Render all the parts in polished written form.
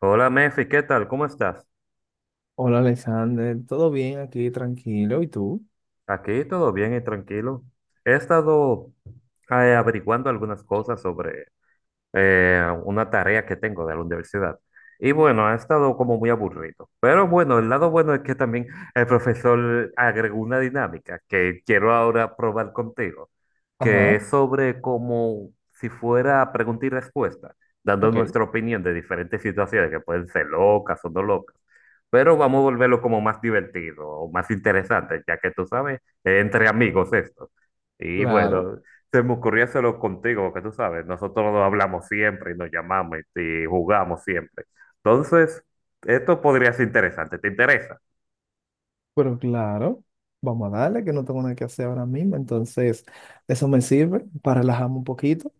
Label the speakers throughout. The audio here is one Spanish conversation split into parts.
Speaker 1: Hola Mefi, ¿qué tal? ¿Cómo estás?
Speaker 2: Hola Alexander, ¿todo bien aquí? Tranquilo, ¿y tú?
Speaker 1: Aquí todo bien y tranquilo. He estado averiguando algunas cosas sobre una tarea que tengo de la universidad. Y bueno, ha estado como muy aburrido. Pero bueno, el lado bueno es que también el profesor agregó una dinámica que quiero ahora probar contigo, que
Speaker 2: Ajá,
Speaker 1: es sobre como si fuera pregunta y respuesta, dando
Speaker 2: ok.
Speaker 1: nuestra opinión de diferentes situaciones que pueden ser locas o no locas. Pero vamos a volverlo como más divertido o más interesante, ya que tú sabes, entre amigos esto. Y
Speaker 2: Claro,
Speaker 1: bueno, se me ocurrió solo contigo, porque tú sabes, nosotros nos hablamos siempre y nos llamamos y jugamos siempre. Entonces, esto podría ser interesante, ¿te interesa?
Speaker 2: pero claro, vamos a darle que no tengo nada que hacer ahora mismo, entonces eso me sirve para relajarme un poquito.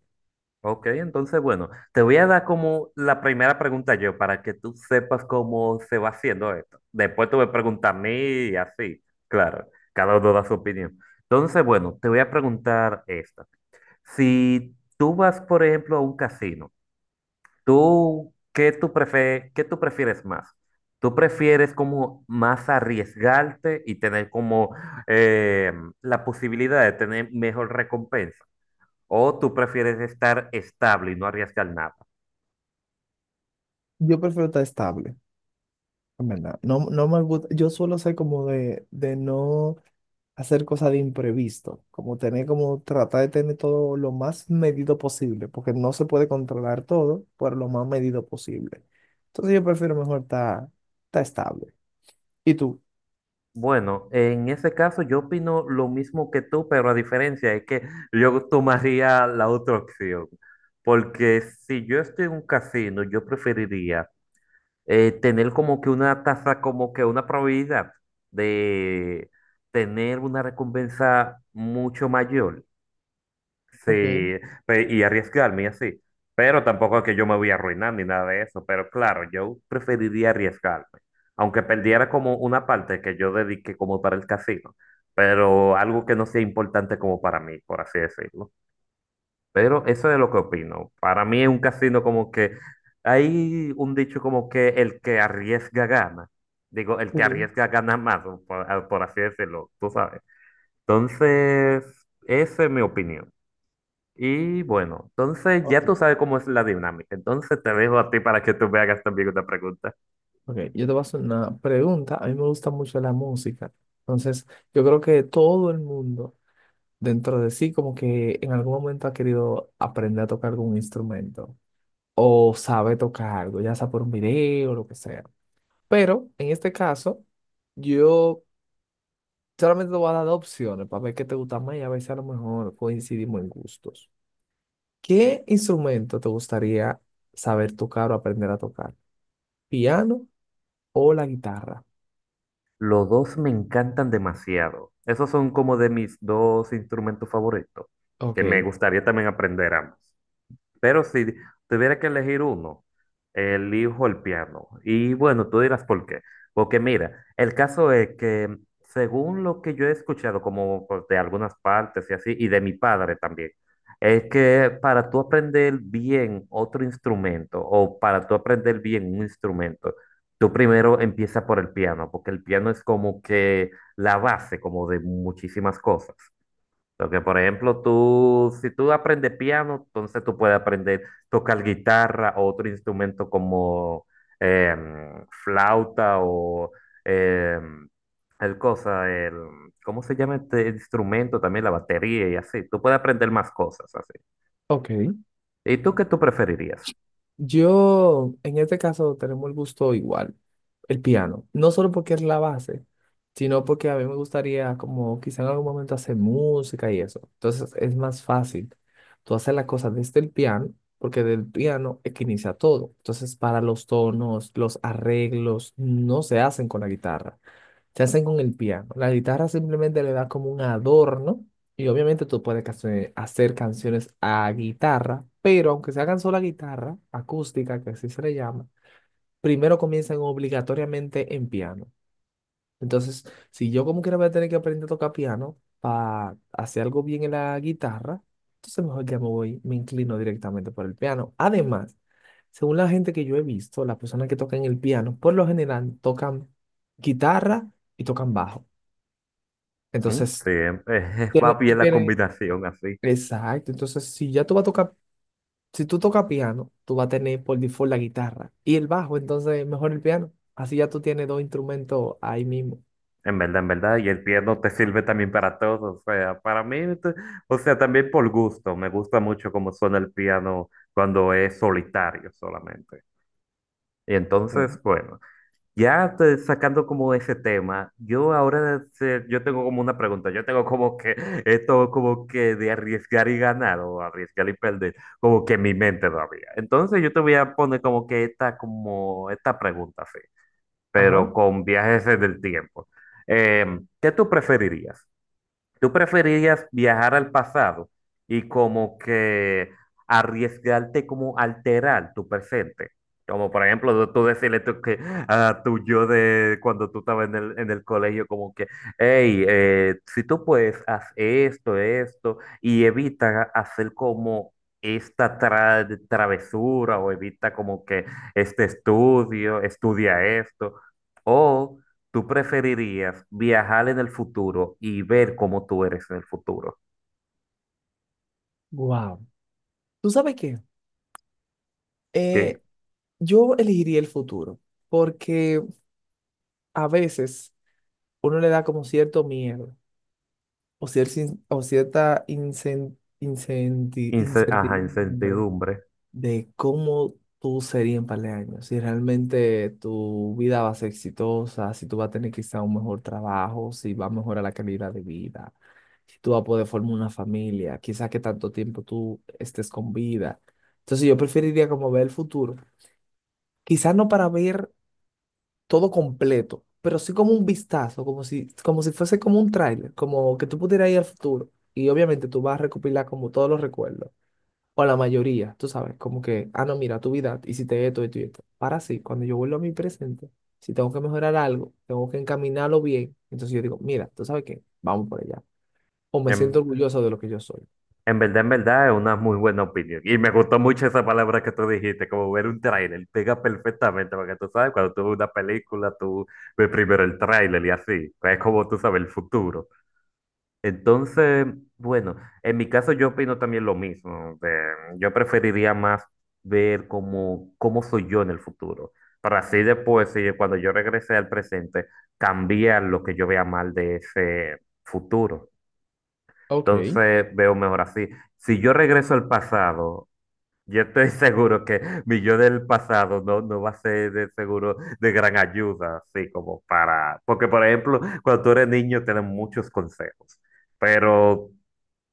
Speaker 1: Ok, entonces, bueno, te voy a dar como la primera pregunta yo para que tú sepas cómo se va haciendo esto. Después tú me preguntas a mí y así, claro, cada uno da su opinión. Entonces, bueno, te voy a preguntar esta. Si tú vas, por ejemplo, a un casino, ¿tú qué tú prefieres más? ¿Tú prefieres como más arriesgarte y tener como eh, la posibilidad de tener mejor recompensa? ¿O tú prefieres estar estable y no arriesgar nada?
Speaker 2: Yo prefiero estar estable, en verdad. No, no me gusta, yo suelo ser como de no hacer cosas de imprevisto, como tener como tratar de tener todo lo más medido posible, porque no se puede controlar todo, pero lo más medido posible. Entonces yo prefiero mejor estar estable. ¿Y tú?
Speaker 1: Bueno, en ese caso yo opino lo mismo que tú, pero la diferencia es que yo tomaría la otra opción. Porque si yo estoy en un casino, yo preferiría tener como que una tasa, como que una probabilidad de tener una recompensa mucho mayor,
Speaker 2: Ok.
Speaker 1: sí, y arriesgarme y así. Pero tampoco es que yo me voy a arruinar ni nada de eso, pero claro, yo preferiría arriesgarme, aunque perdiera como una parte que yo dediqué como para el casino, pero algo que no sea importante como para mí, por así decirlo. Pero eso es lo que opino. Para mí es un casino como que hay un dicho como que el que arriesga gana. Digo, el que
Speaker 2: Sí,
Speaker 1: arriesga gana más, o por, por así decirlo, tú sabes. Entonces, esa es mi opinión. Y bueno, entonces ya
Speaker 2: ok.
Speaker 1: tú sabes cómo es la dinámica. Entonces te dejo a ti para que tú me hagas también una pregunta.
Speaker 2: Ok, yo te voy a hacer una pregunta. A mí me gusta mucho la música. Entonces, yo creo que todo el mundo dentro de sí como que en algún momento ha querido aprender a tocar algún instrumento o sabe tocar algo, ya sea por un video o lo que sea. Pero en este caso, yo solamente te voy a dar dos opciones para ver qué te gusta más y a ver si a lo mejor coincidimos en gustos. ¿Qué instrumento te gustaría saber tocar o aprender a tocar? ¿Piano o la guitarra?
Speaker 1: Los dos me encantan demasiado. Esos son como de mis dos instrumentos favoritos, que me
Speaker 2: Ok.
Speaker 1: gustaría también aprender ambos. Pero si tuviera que elegir uno, elijo el piano. Y bueno, tú dirás por qué. Porque mira, el caso es que según lo que yo he escuchado, como pues, de algunas partes y así, y de mi padre también, es que para tú aprender bien otro instrumento o para tú aprender bien un instrumento, tú primero empieza por el piano, porque el piano es como que la base, como de muchísimas cosas. Porque, por ejemplo, tú, si tú aprendes piano, entonces tú puedes aprender tocar guitarra o otro instrumento como flauta o em, el cosa, el, ¿cómo se llama este instrumento? También la batería y así. Tú puedes aprender más cosas así.
Speaker 2: Ok,
Speaker 1: ¿Y tú qué tú preferirías?
Speaker 2: yo en este caso tenemos el gusto igual, el piano, no solo porque es la base, sino porque a mí me gustaría como quizá en algún momento hacer música y eso. Entonces es más fácil tú hacer las cosas desde el piano, porque del piano es que inicia todo. Entonces para los tonos, los arreglos no se hacen con la guitarra, se hacen con el piano. La guitarra simplemente le da como un adorno y obviamente tú puedes hacer canciones a guitarra, pero aunque se hagan sola guitarra, acústica, que así se le llama, primero comienzan obligatoriamente en piano. Entonces, si yo como quiera voy a tener que aprender a tocar piano para hacer algo bien en la guitarra, entonces mejor ya me voy, me inclino directamente por el piano. Además, según la gente que yo he visto, las personas que tocan el piano, por lo general tocan guitarra y tocan bajo.
Speaker 1: Mm, sí,
Speaker 2: Entonces,
Speaker 1: va bien
Speaker 2: tú
Speaker 1: la
Speaker 2: tienes,
Speaker 1: combinación así.
Speaker 2: exacto, entonces si ya tú vas a tocar, si tú tocas piano, tú vas a tener por default la guitarra y el bajo, entonces mejor el piano. Así ya tú tienes dos instrumentos ahí mismo.
Speaker 1: En verdad, y el piano te sirve también para todo, o sea, para mí, o sea, también por gusto, me gusta mucho cómo suena el piano cuando es solitario solamente. Y
Speaker 2: Mm.
Speaker 1: entonces, bueno, sacando como ese tema, yo ahora, yo tengo como una pregunta, yo tengo como que esto como que de arriesgar y ganar o arriesgar y perder, como que en mi mente todavía. Entonces yo te voy a poner como que esta, como esta pregunta, así
Speaker 2: Ajá.
Speaker 1: pero con viajes del tiempo. Eh, ¿Qué tú preferirías? ¿Tú preferirías viajar al pasado y como que arriesgarte como alterar tu presente? Como por ejemplo, tú decirle tú que, a tu yo de cuando tú estabas en en el colegio, como que, hey, si tú puedes, haz esto, esto, y evita hacer como esta travesura o evita como que este estudio, estudia esto. O ¿tú preferirías viajar en el futuro y ver cómo tú eres en el futuro?
Speaker 2: Wow. ¿Tú sabes qué? Eh,
Speaker 1: Que,
Speaker 2: yo elegiría el futuro, porque a veces uno le da como cierto miedo o, o cierta
Speaker 1: ajá,
Speaker 2: incertidumbre
Speaker 1: incertidumbre.
Speaker 2: de cómo tú serías en par de años, si realmente tu vida va a ser exitosa, si tú vas a tener quizá un mejor trabajo, si va a mejorar la calidad de vida, si tú vas a poder formar una familia, quizá que tanto tiempo tú estés con vida. Entonces yo preferiría como ver el futuro, quizá no para ver todo completo, pero sí como un vistazo, como si fuese como un tráiler, como que tú pudieras ir al futuro. Y obviamente tú vas a recopilar como todos los recuerdos o la mayoría, tú sabes, como que, ah, no, mira, tu vida, hiciste esto, esto y esto. Para sí, cuando yo vuelvo a mi presente, si tengo que mejorar algo, tengo que encaminarlo bien, entonces yo digo, mira, tú sabes qué, vamos por allá. O me siento
Speaker 1: En,
Speaker 2: orgulloso de lo que yo soy.
Speaker 1: en verdad, es una muy buena opinión. Y me gustó mucho esa palabra que tú dijiste, como ver un tráiler. Pega perfectamente, porque tú sabes, cuando tú ves una película, tú ves primero el tráiler y así. Es como tú sabes el futuro. Entonces, bueno, en mi caso yo opino también lo mismo. Yo preferiría más ver cómo, cómo soy yo en el futuro, para así después, cuando yo regrese al presente, cambiar lo que yo vea mal de ese futuro.
Speaker 2: Ok.
Speaker 1: Entonces, veo mejor así. Si yo regreso al pasado, yo estoy seguro que mi yo del pasado no, no va a ser de seguro de gran ayuda, así como para... Porque, por ejemplo, cuando tú eres niño, tienes muchos consejos. Pero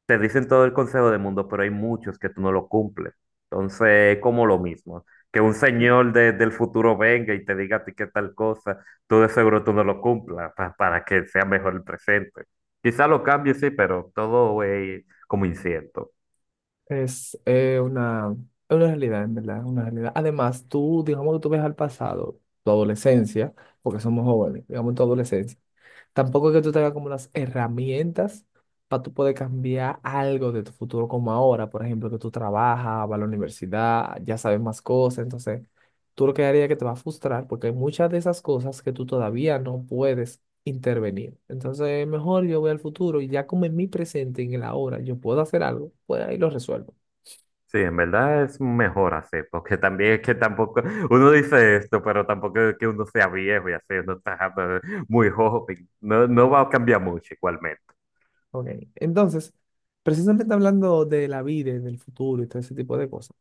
Speaker 1: te dicen todo el consejo del mundo, pero hay muchos que tú no lo cumples. Entonces, es como lo mismo. Que un señor del futuro venga y te diga a ti que tal cosa, tú de seguro tú no lo cumplas para que sea mejor el presente. Quizá lo cambie, sí, pero todo es como incierto.
Speaker 2: Es eh, una, es una realidad, en verdad, es una realidad. Además, tú, digamos que tú ves al pasado, tu adolescencia, porque somos jóvenes, digamos tu adolescencia. Tampoco es que tú tengas como las herramientas para tú poder cambiar algo de tu futuro como ahora, por ejemplo, que tú trabajas, vas a la universidad, ya sabes más cosas, entonces tú lo que haría es que te va a frustrar porque hay muchas de esas cosas que tú todavía no puedes intervenir. Entonces, mejor yo voy al futuro y ya como en mi presente, en el ahora, yo puedo hacer algo, pues ahí lo resuelvo.
Speaker 1: Sí, en verdad es mejor así, porque también es que tampoco, uno dice esto, pero tampoco es que uno sea viejo y así, uno está muy joven, no, no va a cambiar mucho igualmente.
Speaker 2: Ok, entonces, precisamente hablando de la vida, y del futuro y todo ese tipo de cosas,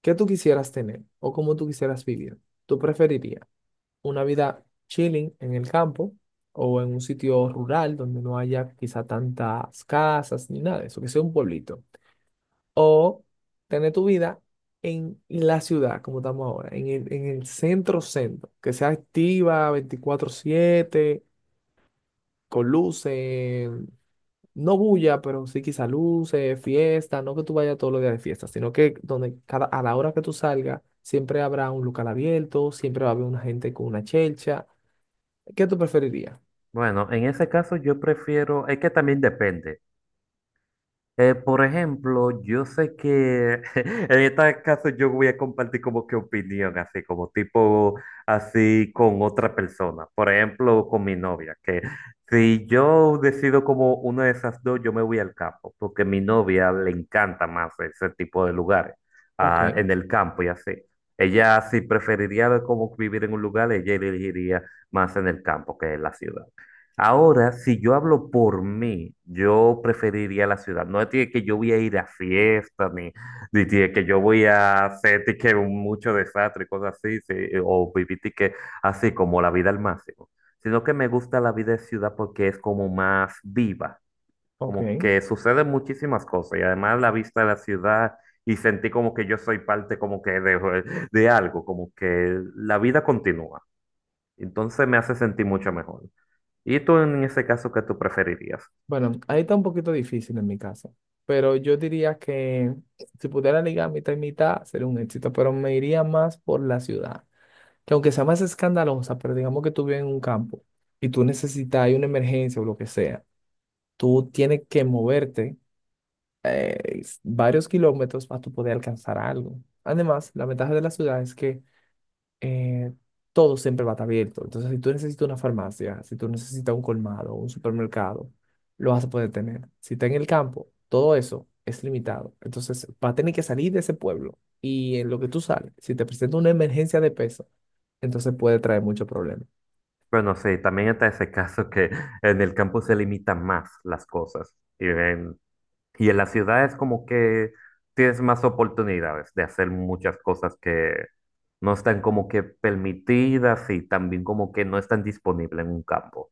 Speaker 2: ¿qué tú quisieras tener o cómo tú quisieras vivir? ¿Tú preferirías una vida chilling en el campo o en un sitio rural donde no haya quizá tantas casas ni nada de eso, que sea un pueblito? O tener tu vida en la ciudad, como estamos ahora, en en el centro centro, que sea activa 24/7 con luces, no bulla, pero sí quizá luces, fiesta, no que tú vayas todos los días de fiesta, sino que donde cada, a la hora que tú salgas, siempre habrá un local abierto, siempre va a haber una gente con una chelcha. ¿Qué tú preferirías?
Speaker 1: Bueno, en ese caso yo prefiero, es que también depende. Por ejemplo, yo sé que en este caso yo voy a compartir como que opinión, así como tipo así con otra persona. Por ejemplo, con mi novia, que si yo decido como una de esas dos, yo me voy al campo, porque a mi novia le encanta más ese tipo de lugares,
Speaker 2: Ok,
Speaker 1: ah, en el campo y así. Ella si preferiría como vivir en un lugar, ella elegiría más en el campo que en la ciudad. Ahora, si yo hablo por mí, yo preferiría la ciudad. No tiene que yo voy a ir a fiestas, ni tiene que yo voy a hacer tique, un mucho desastre, cosas así, sí, o vivir de que así como la vida al máximo. Sino que me gusta la vida de ciudad porque es como más viva,
Speaker 2: ok.
Speaker 1: como que suceden muchísimas cosas y además la vista de la ciudad y sentí como que yo soy parte como que de algo, como que la vida continúa. Entonces me hace sentir mucho mejor. Y tú en ese caso, ¿qué tú preferirías?
Speaker 2: Bueno, ahí está un poquito difícil en mi caso, pero yo diría que si pudiera ligar mitad y mitad sería un éxito, pero me iría más por la ciudad, que aunque sea más escandalosa, pero digamos que tú vives en un campo y tú necesitas, hay una emergencia o lo que sea, tú tienes que moverte varios kilómetros para tú poder alcanzar algo. Además, la ventaja de la ciudad es que eh, todo siempre va a estar abierto. Entonces, si tú necesitas una farmacia, si tú necesitas un colmado, un supermercado, lo vas a poder tener. Si está en el campo, todo eso es limitado. Entonces, va a tener que salir de ese pueblo. Y en lo que tú sales, si te presenta una emergencia de peso, entonces puede traer muchos problemas.
Speaker 1: Bueno, sí, también está ese caso que en el campo se limitan más las cosas. Y en la ciudad es como que tienes más oportunidades de hacer muchas cosas que no están como que permitidas y también como que no están disponibles en un campo.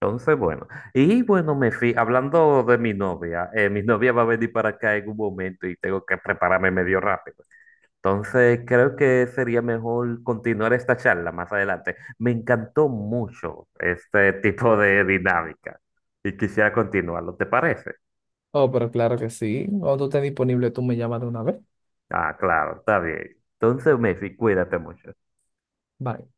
Speaker 1: Entonces, bueno, y bueno, me fui, hablando de mi novia va a venir para acá en un momento y tengo que prepararme medio rápido. Entonces, creo que sería mejor continuar esta charla más adelante. Me encantó mucho este tipo de dinámica y quisiera continuarlo, ¿te parece?
Speaker 2: Oh, pero claro que sí. Cuando tú estés disponible, tú me llamas de una vez.
Speaker 1: Ah, claro, está bien. Entonces, Messi, cuídate mucho.
Speaker 2: Bye.